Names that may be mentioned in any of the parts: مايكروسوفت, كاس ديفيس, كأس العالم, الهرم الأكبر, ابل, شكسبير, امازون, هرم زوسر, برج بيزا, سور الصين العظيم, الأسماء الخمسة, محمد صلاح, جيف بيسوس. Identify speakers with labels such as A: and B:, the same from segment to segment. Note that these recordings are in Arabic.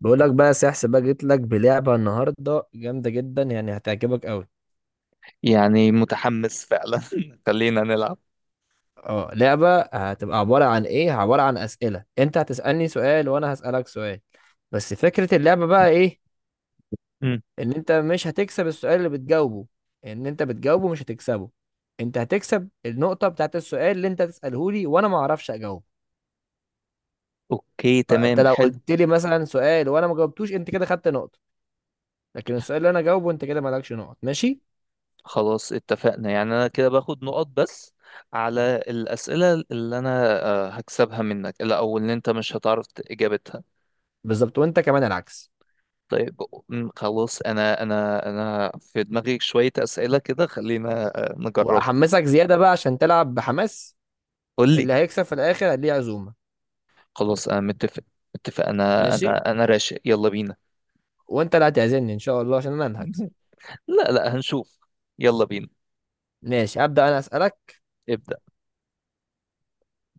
A: بقول لك بقى يا سحس بقى جيت لك بلعبة النهاردة جامدة جدا، يعني هتعجبك قوي.
B: يعني متحمس فعلا. خلينا نلعب.
A: اه، لعبة هتبقى عبارة عن ايه؟ عبارة عن أسئلة، انت هتسألني سؤال وانا هسألك سؤال. بس فكرة اللعبة بقى ايه؟
B: مم.
A: ان انت مش هتكسب السؤال اللي بتجاوبه. ان انت بتجاوبه مش هتكسبه. انت هتكسب النقطة بتاعت السؤال اللي انت تسأله لي وانا ما اعرفش اجاوبه.
B: اوكي،
A: فانت
B: تمام،
A: لو
B: حلو.
A: قلت لي مثلا سؤال وانا ما جاوبتوش انت كده خدت نقطة. لكن السؤال اللي انا جاوبه انت كده مالكش نقط. ماشي؟
B: خلاص اتفقنا، يعني انا كده باخد نقط بس على الاسئله اللي انا هكسبها منك، لا او اللي انت مش هتعرف اجابتها.
A: بالظبط. وانت كمان العكس.
B: طيب. خلاص انا في دماغي شويه اسئله كده، خلينا نجربها.
A: واحمسك زياده بقى عشان تلعب بحماس.
B: قول لي.
A: اللي هيكسب في الاخر ليه عزومه.
B: خلاص انا متفق انا
A: ماشي.
B: انا انا راشق، يلا بينا.
A: وانت اللي هتعزمني ان شاء الله عشان انا اللي هكسب.
B: لا لا، هنشوف. يلا بينا.
A: ماشي، ابدا انا اسالك.
B: ابدأ.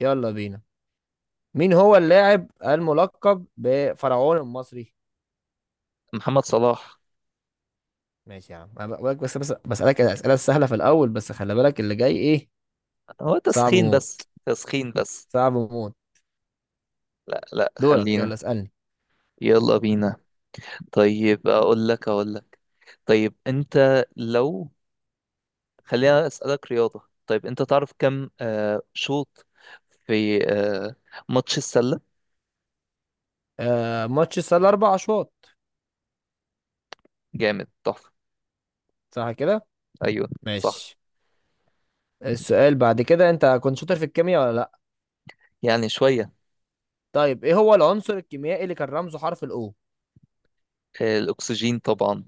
A: يلا بينا. مين هو اللاعب الملقب بفرعون المصري؟
B: محمد صلاح.
A: ماشي يا عم. أنا بقولك بس بس بسالك الاسئله السهله في الاول، بس خلي بالك اللي جاي ايه.
B: هو
A: صعب
B: تسخين بس،
A: موت.
B: تسخين بس.
A: صعب موت.
B: لا لا،
A: دورك،
B: خلينا.
A: يلا اسالني.
B: يلا بينا. طيب، اقول لك. طيب، انت لو خلينا اسالك رياضة. طيب، انت تعرف كم شوط في ماتش السلة؟
A: آه، ماتش السله اربع اشواط.
B: جامد، تحفة.
A: صح كده.
B: ايوه، صح.
A: ماشي. السؤال بعد كده، انت كنت شاطر في الكيمياء ولا لا؟
B: يعني شوية.
A: طيب، ايه هو العنصر الكيميائي اللي كان رمزه حرف الاو؟
B: الاكسجين طبعا.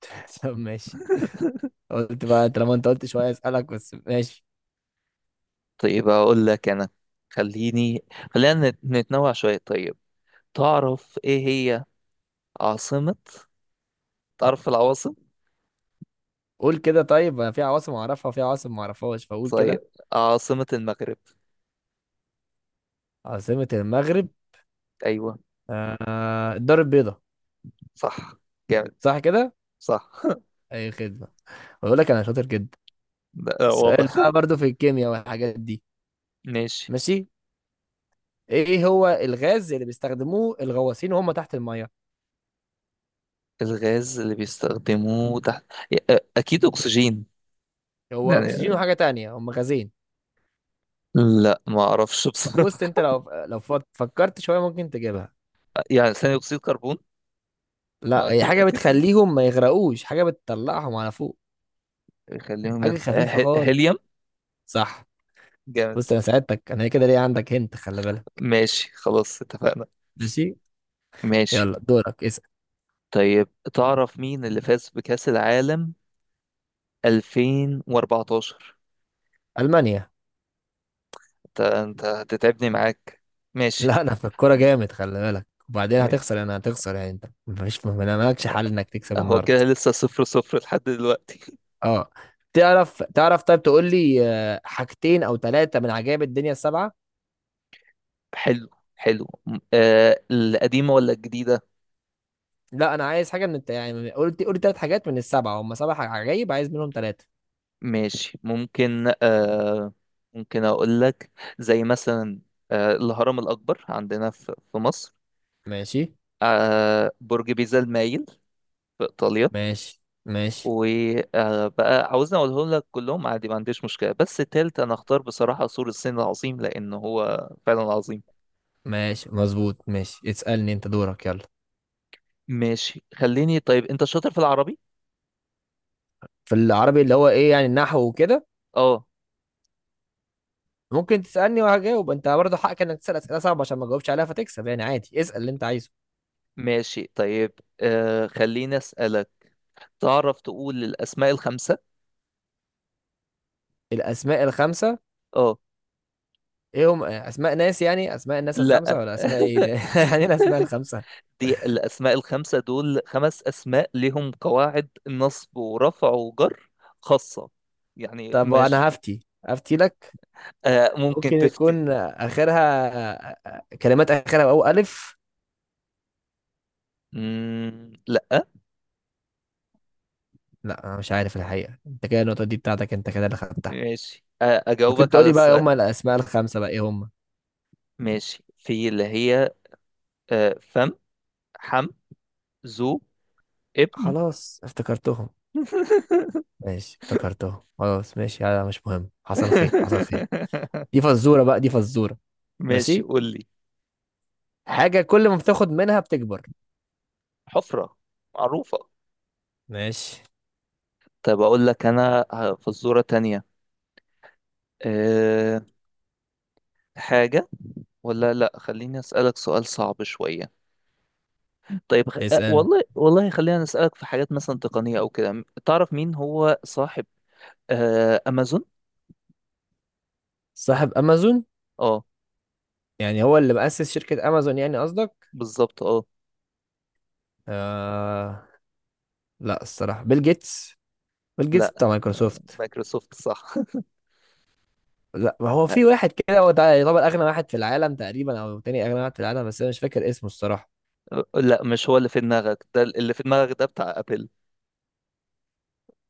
A: طب ماشي. قلت بقى طالما انت قلت شويه اسالك بس. ماشي.
B: طيب، اقول لك انا. خليني خلينا نتنوع شوية. طيب، تعرف ايه هي عاصمة تعرف العواصم؟
A: قول كده. طيب انا في عواصم اعرفها وفي عواصم ما اعرفهاش، فقول كده.
B: طيب، عاصمة المغرب؟
A: عاصمه المغرب.
B: ايوه.
A: آه، الدار البيضاء.
B: صح، جامد.
A: صح كده.
B: صح.
A: اي خدمه. بقول لك انا شاطر جدا.
B: لا لا،
A: السؤال
B: واضح.
A: بقى برضو في الكيمياء والحاجات دي.
B: ماشي.
A: ماشي. ايه هو الغاز اللي بيستخدموه الغواصين وهم تحت الميه؟
B: الغاز اللي بيستخدموه تحت؟ اكيد اكسجين.
A: هو
B: يعني.
A: اكسجين وحاجه تانية، هم غازين.
B: لا، ما اعرفش
A: بص
B: بصراحه.
A: انت لو فكرت شويه ممكن تجيبها.
B: يعني ثاني اكسيد كربون. ما
A: لا، هي
B: اكيد
A: حاجه
B: اكيد،
A: بتخليهم ما يغرقوش، حاجه بتطلعهم على فوق.
B: خليهم
A: حاجه
B: يطلع
A: خفيفه خالص.
B: هيليوم.
A: صح.
B: جامد.
A: بص انا ساعدتك، انا كده ليه عندك هنت، خلي بالك.
B: ماشي، خلاص اتفقنا.
A: ماشي،
B: ماشي.
A: يلا دورك اسأل.
B: طيب، تعرف مين اللي فاز بكأس العالم 2014؟
A: المانيا.
B: انت هتتعبني معاك. ماشي.
A: لا انا في الكوره جامد خلي بالك، وبعدين
B: ماشي.
A: هتخسر. انا هتخسر يعني، انت مفيش ما مالكش
B: هو،
A: حل انك تكسب
B: هو
A: النهارده.
B: كده لسه صفر صفر لحد دلوقتي.
A: اه. تعرف تعرف طيب، تقول لي حاجتين او ثلاثه من عجائب الدنيا السبعه.
B: حلو، حلو. القديمة ولا الجديدة؟
A: لا، انا عايز حاجه من يعني قلت ثلاث حاجات من السبعه، هم عجائب، عايز منهم ثلاثه.
B: ماشي، ممكن أقول لك. زي مثلا الهرم الأكبر عندنا في مصر.
A: ماشي
B: برج بيزا المايل في إيطاليا.
A: ماشي. ماشي
B: وبقى عاوزني أقولهم لك كلهم عادي، ما عنديش مشكلة، بس التالت أنا أختار بصراحة سور الصين العظيم، لأن هو فعلا عظيم.
A: ماشي مظبوط. ماشي اسالني، انت دورك يلا.
B: ماشي، خليني. طيب، أنت شاطر في العربي؟
A: في العربي اللي هو ايه يعني، النحو وكده؟
B: أه.
A: ممكن تسألني وهجاوب، انت برضه حقك انك تسأل أسئلة صعبة عشان ما تجاوبش عليها فتكسب. يعني عادي، اسأل اللي انت عايزه.
B: ماشي. طيب، خليني أسألك. تعرف تقول الأسماء الخمسة؟
A: الأسماء الخمسة؟
B: اه.
A: ايه هم، أسماء ناس يعني، أسماء الناس الخمسة؟
B: لا.
A: ولا أسماء ايه ده؟ يعني ايه الأسماء الخمسة؟
B: دي الاسماء الخمسه، دول خمس اسماء لهم قواعد نصب ورفع وجر خاصه. يعني
A: طب
B: مش،
A: وأنا هفتي، هفتي لك.
B: ممكن
A: ممكن
B: تفتي.
A: يكون آخرها كلمات، آخرها أو ألف.
B: مم. لا.
A: لا، أنا مش عارف الحقيقة. انت كده النقطة دي بتاعتك، انت كده اللي خدتها.
B: ماشي،
A: ممكن
B: اجاوبك على
A: تقولي بقى ايه
B: السؤال.
A: هم الأسماء الخمسة بقى ايه هم؟
B: ماشي، في اللي هي فم، حم، ذو، ابن.
A: خلاص افتكرتهم. ماشي افتكرتهم خلاص. ماشي، هذا مش مهم. حصل خير حصل خير. دي فزورة بقى، دي فزورة.
B: ماشي،
A: ماشي.
B: قول لي.
A: حاجة كل ما بتاخد منها بتكبر.
B: حفره، معروفه.
A: ماشي.
B: طب اقول لك انا فزوره تانية. أه حاجه، ولا لا، خليني اسالك سؤال صعب شويه. طيب، خ... أه،
A: اسأل.
B: والله والله خلينا نسالك في حاجات مثلا تقنيه او كده. تعرف مين هو صاحب امازون؟
A: صاحب أمازون؟
B: اه،
A: يعني هو اللي مؤسس شركة أمازون يعني، قصدك؟
B: بالظبط. اه.
A: آه... لا، الصراحة بيل جيتس. بيل جيتس
B: لا،
A: بتاع مايكروسوفت.
B: مايكروسوفت صح.
A: لا، ما هو في واحد كده هو ده يعتبر أغنى واحد في العالم تقريبا، أو تاني أغنى واحد في العالم، بس أنا مش فاكر اسمه الصراحة.
B: لا، مش هو اللي في دماغك ده، اللي في دماغك ده بتاع ابل.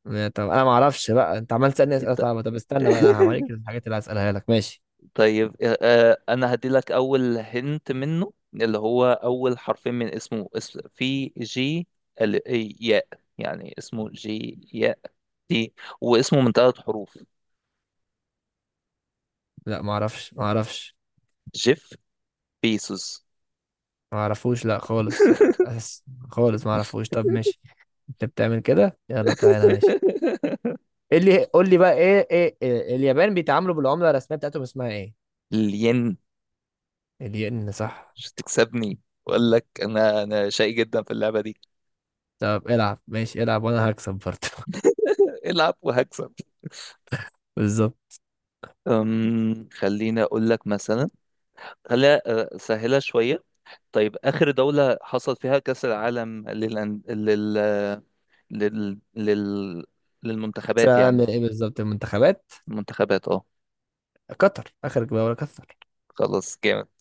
A: يعني طب أنا ما أعرفش بقى، أنت عمال تسألني أسئلة
B: إنت-
A: صعبة. طب استنى بقى أنا هوريك الحاجات اللي هسألها لك. ماشي.
B: طيب، انا هدي لك اول هنت منه، اللي هو اول حرفين من اسمه، اسم في جي. ال ياء، يعني اسمه جي ياء. واسمه من ثلاث حروف.
A: لا، ما أعرفش.
B: جيف بيسوس.
A: ما أعرفوش لا خالص. بس خالص ما أعرفوش. طب ماشي. انت بتعمل كده، يلا تعالى ماشي. ايه اللي قول لي بقى، ايه ايه إيه اليابان بيتعاملوا بالعملة الرسمية بتاعتهم اسمها ايه؟
B: الين.
A: الين. صح.
B: مش تكسبني، اقول لك انا شقي جدا في اللعبه دي.
A: طب العب، ماشي العب وانا هكسب برضه.
B: العب وهكسب.
A: بالظبط.
B: خليني اقول لك مثلا، خليها سهله شويه. طيب، اخر دوله حصل فيها كاس العالم للأن... لل... لل... لل... للمنتخبات يعني.
A: سألني ايه بالظبط، المنتخبات؟
B: المنتخبات، اه.
A: قطر، اخر جولة قطر.
B: خلاص، جامد.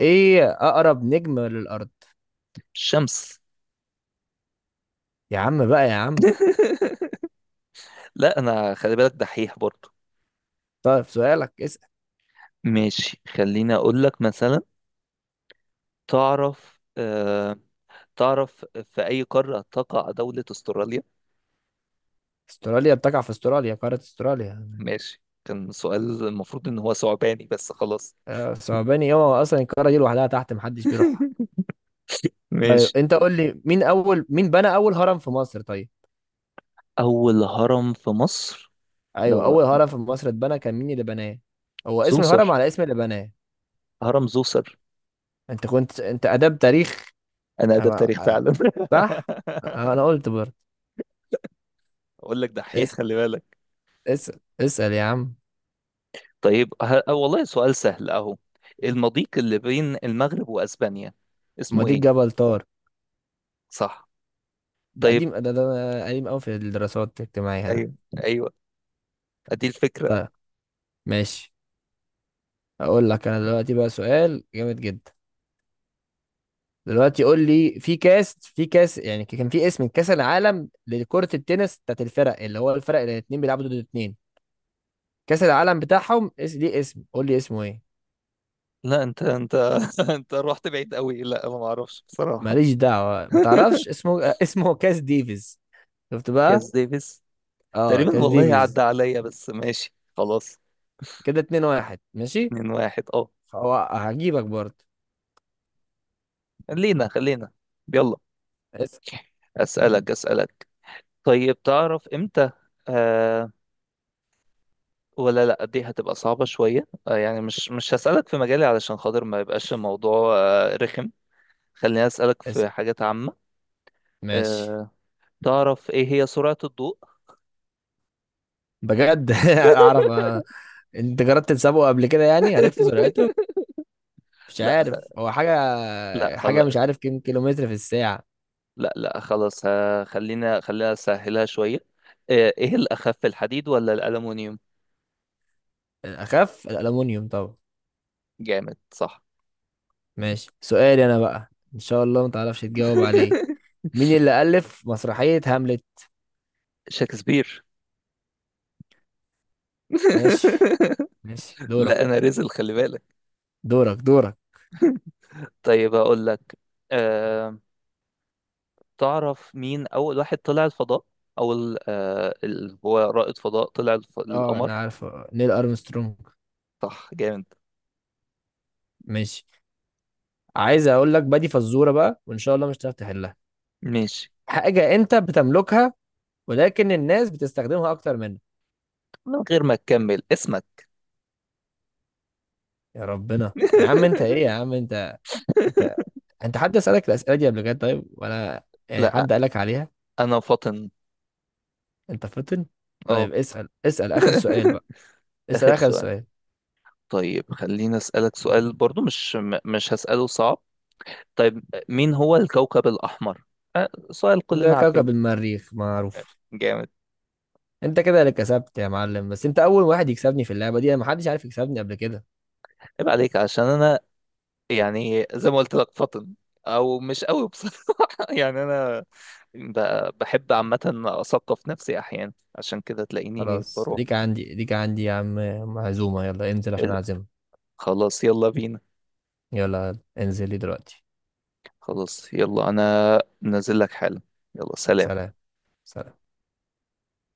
A: ايه اقرب نجم للارض؟
B: الشمس.
A: يا عم بقى يا عم.
B: لا، انا خلي بالك دحيح برضو.
A: طيب سؤالك اسأل.
B: ماشي، خليني اقول لك مثلا. تعرف آه، تعرف في أي قارة تقع دولة أستراليا؟
A: استراليا بتقع في استراليا، قارة استراليا.
B: ماشي، كان سؤال المفروض إن هو ثعباني، بس خلاص.
A: آه، صعباني ايه هو، اصلا القارة دي لوحدها تحت محدش بيروحها. طيب
B: ماشي.
A: انت قول لي مين اول، مين بنى اول هرم في مصر طيب.
B: أول هرم في مصر،
A: ايوه،
B: لو
A: اول هرم في مصر اتبنى كان مين اللي بناه؟ هو اسم الهرم
B: زوسر.
A: على اسم اللي بناه.
B: هرم زوسر.
A: انت كنت انت اداب تاريخ.
B: أنا
A: أنا-
B: ده بتاريخ
A: أنا-
B: فعلا.
A: صح. أه، انا قلت برضه.
B: أقول لك دحيح،
A: اس...
B: خلي بالك.
A: اس... اسال يا عم.
B: طيب، ه... آه والله سؤال سهل أهو. المضيق اللي بين المغرب وأسبانيا
A: ما
B: اسمه
A: دي
B: إيه؟
A: جبل طار.
B: صح. طيب،
A: ده قديم قوي في الدراسات الاجتماعيه ده.
B: أيوه أيوه، أدي الفكرة.
A: طيب ماشي. اقول لك انا دلوقتي بقى سؤال جامد جدا. دلوقتي قول لي في كاس يعني، كان في اسم كاس العالم لكرة التنس بتاعت الفرق، اللي هو الفرق اللي الاتنين بيلعبوا ضد الاتنين. كاس العالم بتاعهم ليه اسم، قول لي اسمه ايه؟
B: لا، أنت أنت رحت بعيد قوي، لا ما أعرفش بصراحة.
A: ماليش دعوة ما تعرفش اسمه. آه، اسمه كاس ديفيز. شفت بقى.
B: كاس ديفيس،
A: اه
B: تقريبا
A: كاس
B: والله
A: ديفيز.
B: عدى عليا، بس ماشي خلاص.
A: كده اتنين واحد ماشي.
B: اتنين واحد، اه.
A: هو هجيبك برضه.
B: خلينا، يلا.
A: اس
B: اسألك. طيب، تعرف امتى آه ولا لا، دي هتبقى صعبة شوية. يعني، مش هسألك في مجالي، علشان خاطر ما يبقاش الموضوع رخم. خليني اسألك
A: اس
B: في حاجات عامة.
A: ماشي.
B: آه تعرف ايه هي سرعة الضوء؟
A: بجد اعرف. آه. انت جربت تسابقه قبل كده يعني عرفت سرعته؟ مش
B: لا خ...
A: عارف هو حاجة.
B: لا
A: حاجة، مش
B: خلاص.
A: عارف كم كيلومتر في الساعة.
B: لا لا، خلاص. خلينا اسهلها شوية. ايه الاخف، الحديد ولا الالومنيوم؟
A: اخف الالومنيوم طبعا.
B: جامد، صح.
A: ماشي. سؤالي انا بقى ان شاء الله ما تعرفش تجاوب عليه. مين اللي الف مسرحية هاملت؟
B: شكسبير.
A: ماشي. ماشي
B: لا، انا
A: دورك.
B: رزل، خلي بالك.
A: دورك.
B: طيب، اقول لك. أه... تعرف مين اول واحد طلع الفضاء؟ اول اللي هو رائد فضاء طلع
A: اه انا
B: القمر.
A: عارف. نيل ارمسترونج.
B: صح، جامد.
A: ماشي. عايز اقول لك بادي فزوره بقى وان شاء الله مش هتعرف تحلها.
B: ماشي.
A: حاجه انت بتملكها، ولكن الناس بتستخدمها اكتر منك.
B: من غير ما تكمل اسمك.
A: يا ربنا يا عم انت، ايه يا عم انت. انت انت حد سالك الاسئله دي قبل كده طيب، ولا يعني
B: لا،
A: حد قالك عليها؟
B: انا فاطن.
A: انت فطن.
B: اه.
A: طيب اسال، اسال اخر سؤال بقى. اسال
B: اخر
A: اخر
B: سؤال.
A: سؤال.
B: طيب، خليني اسالك سؤال برضو، مش هساله صعب. طيب، مين هو الكوكب الاحمر؟ سؤال
A: ده
B: كلنا
A: كوكب
B: عارفين.
A: المريخ معروف.
B: جامد.
A: انت كده اللي كسبت يا معلم. بس انت اول واحد يكسبني في اللعبه دي. انا محدش عارف يكسبني قبل كده.
B: عيب عليك، عشان انا يعني زي ما قلت لك فطن، او مش قوي بصراحه. يعني انا بحب عامه اثقف نفسي احيانا، عشان كده تلاقيني
A: خلاص،
B: بروح.
A: ليك عندي ليك عندي يا عم. معزومة، يلا انزل عشان
B: ال-
A: اعزمك.
B: خلاص، يلا بينا.
A: يلا يلا، انزل لي دلوقتي.
B: خلاص، يلا انا نازل لك حالا. يلا، سلام.
A: سلام. سلام.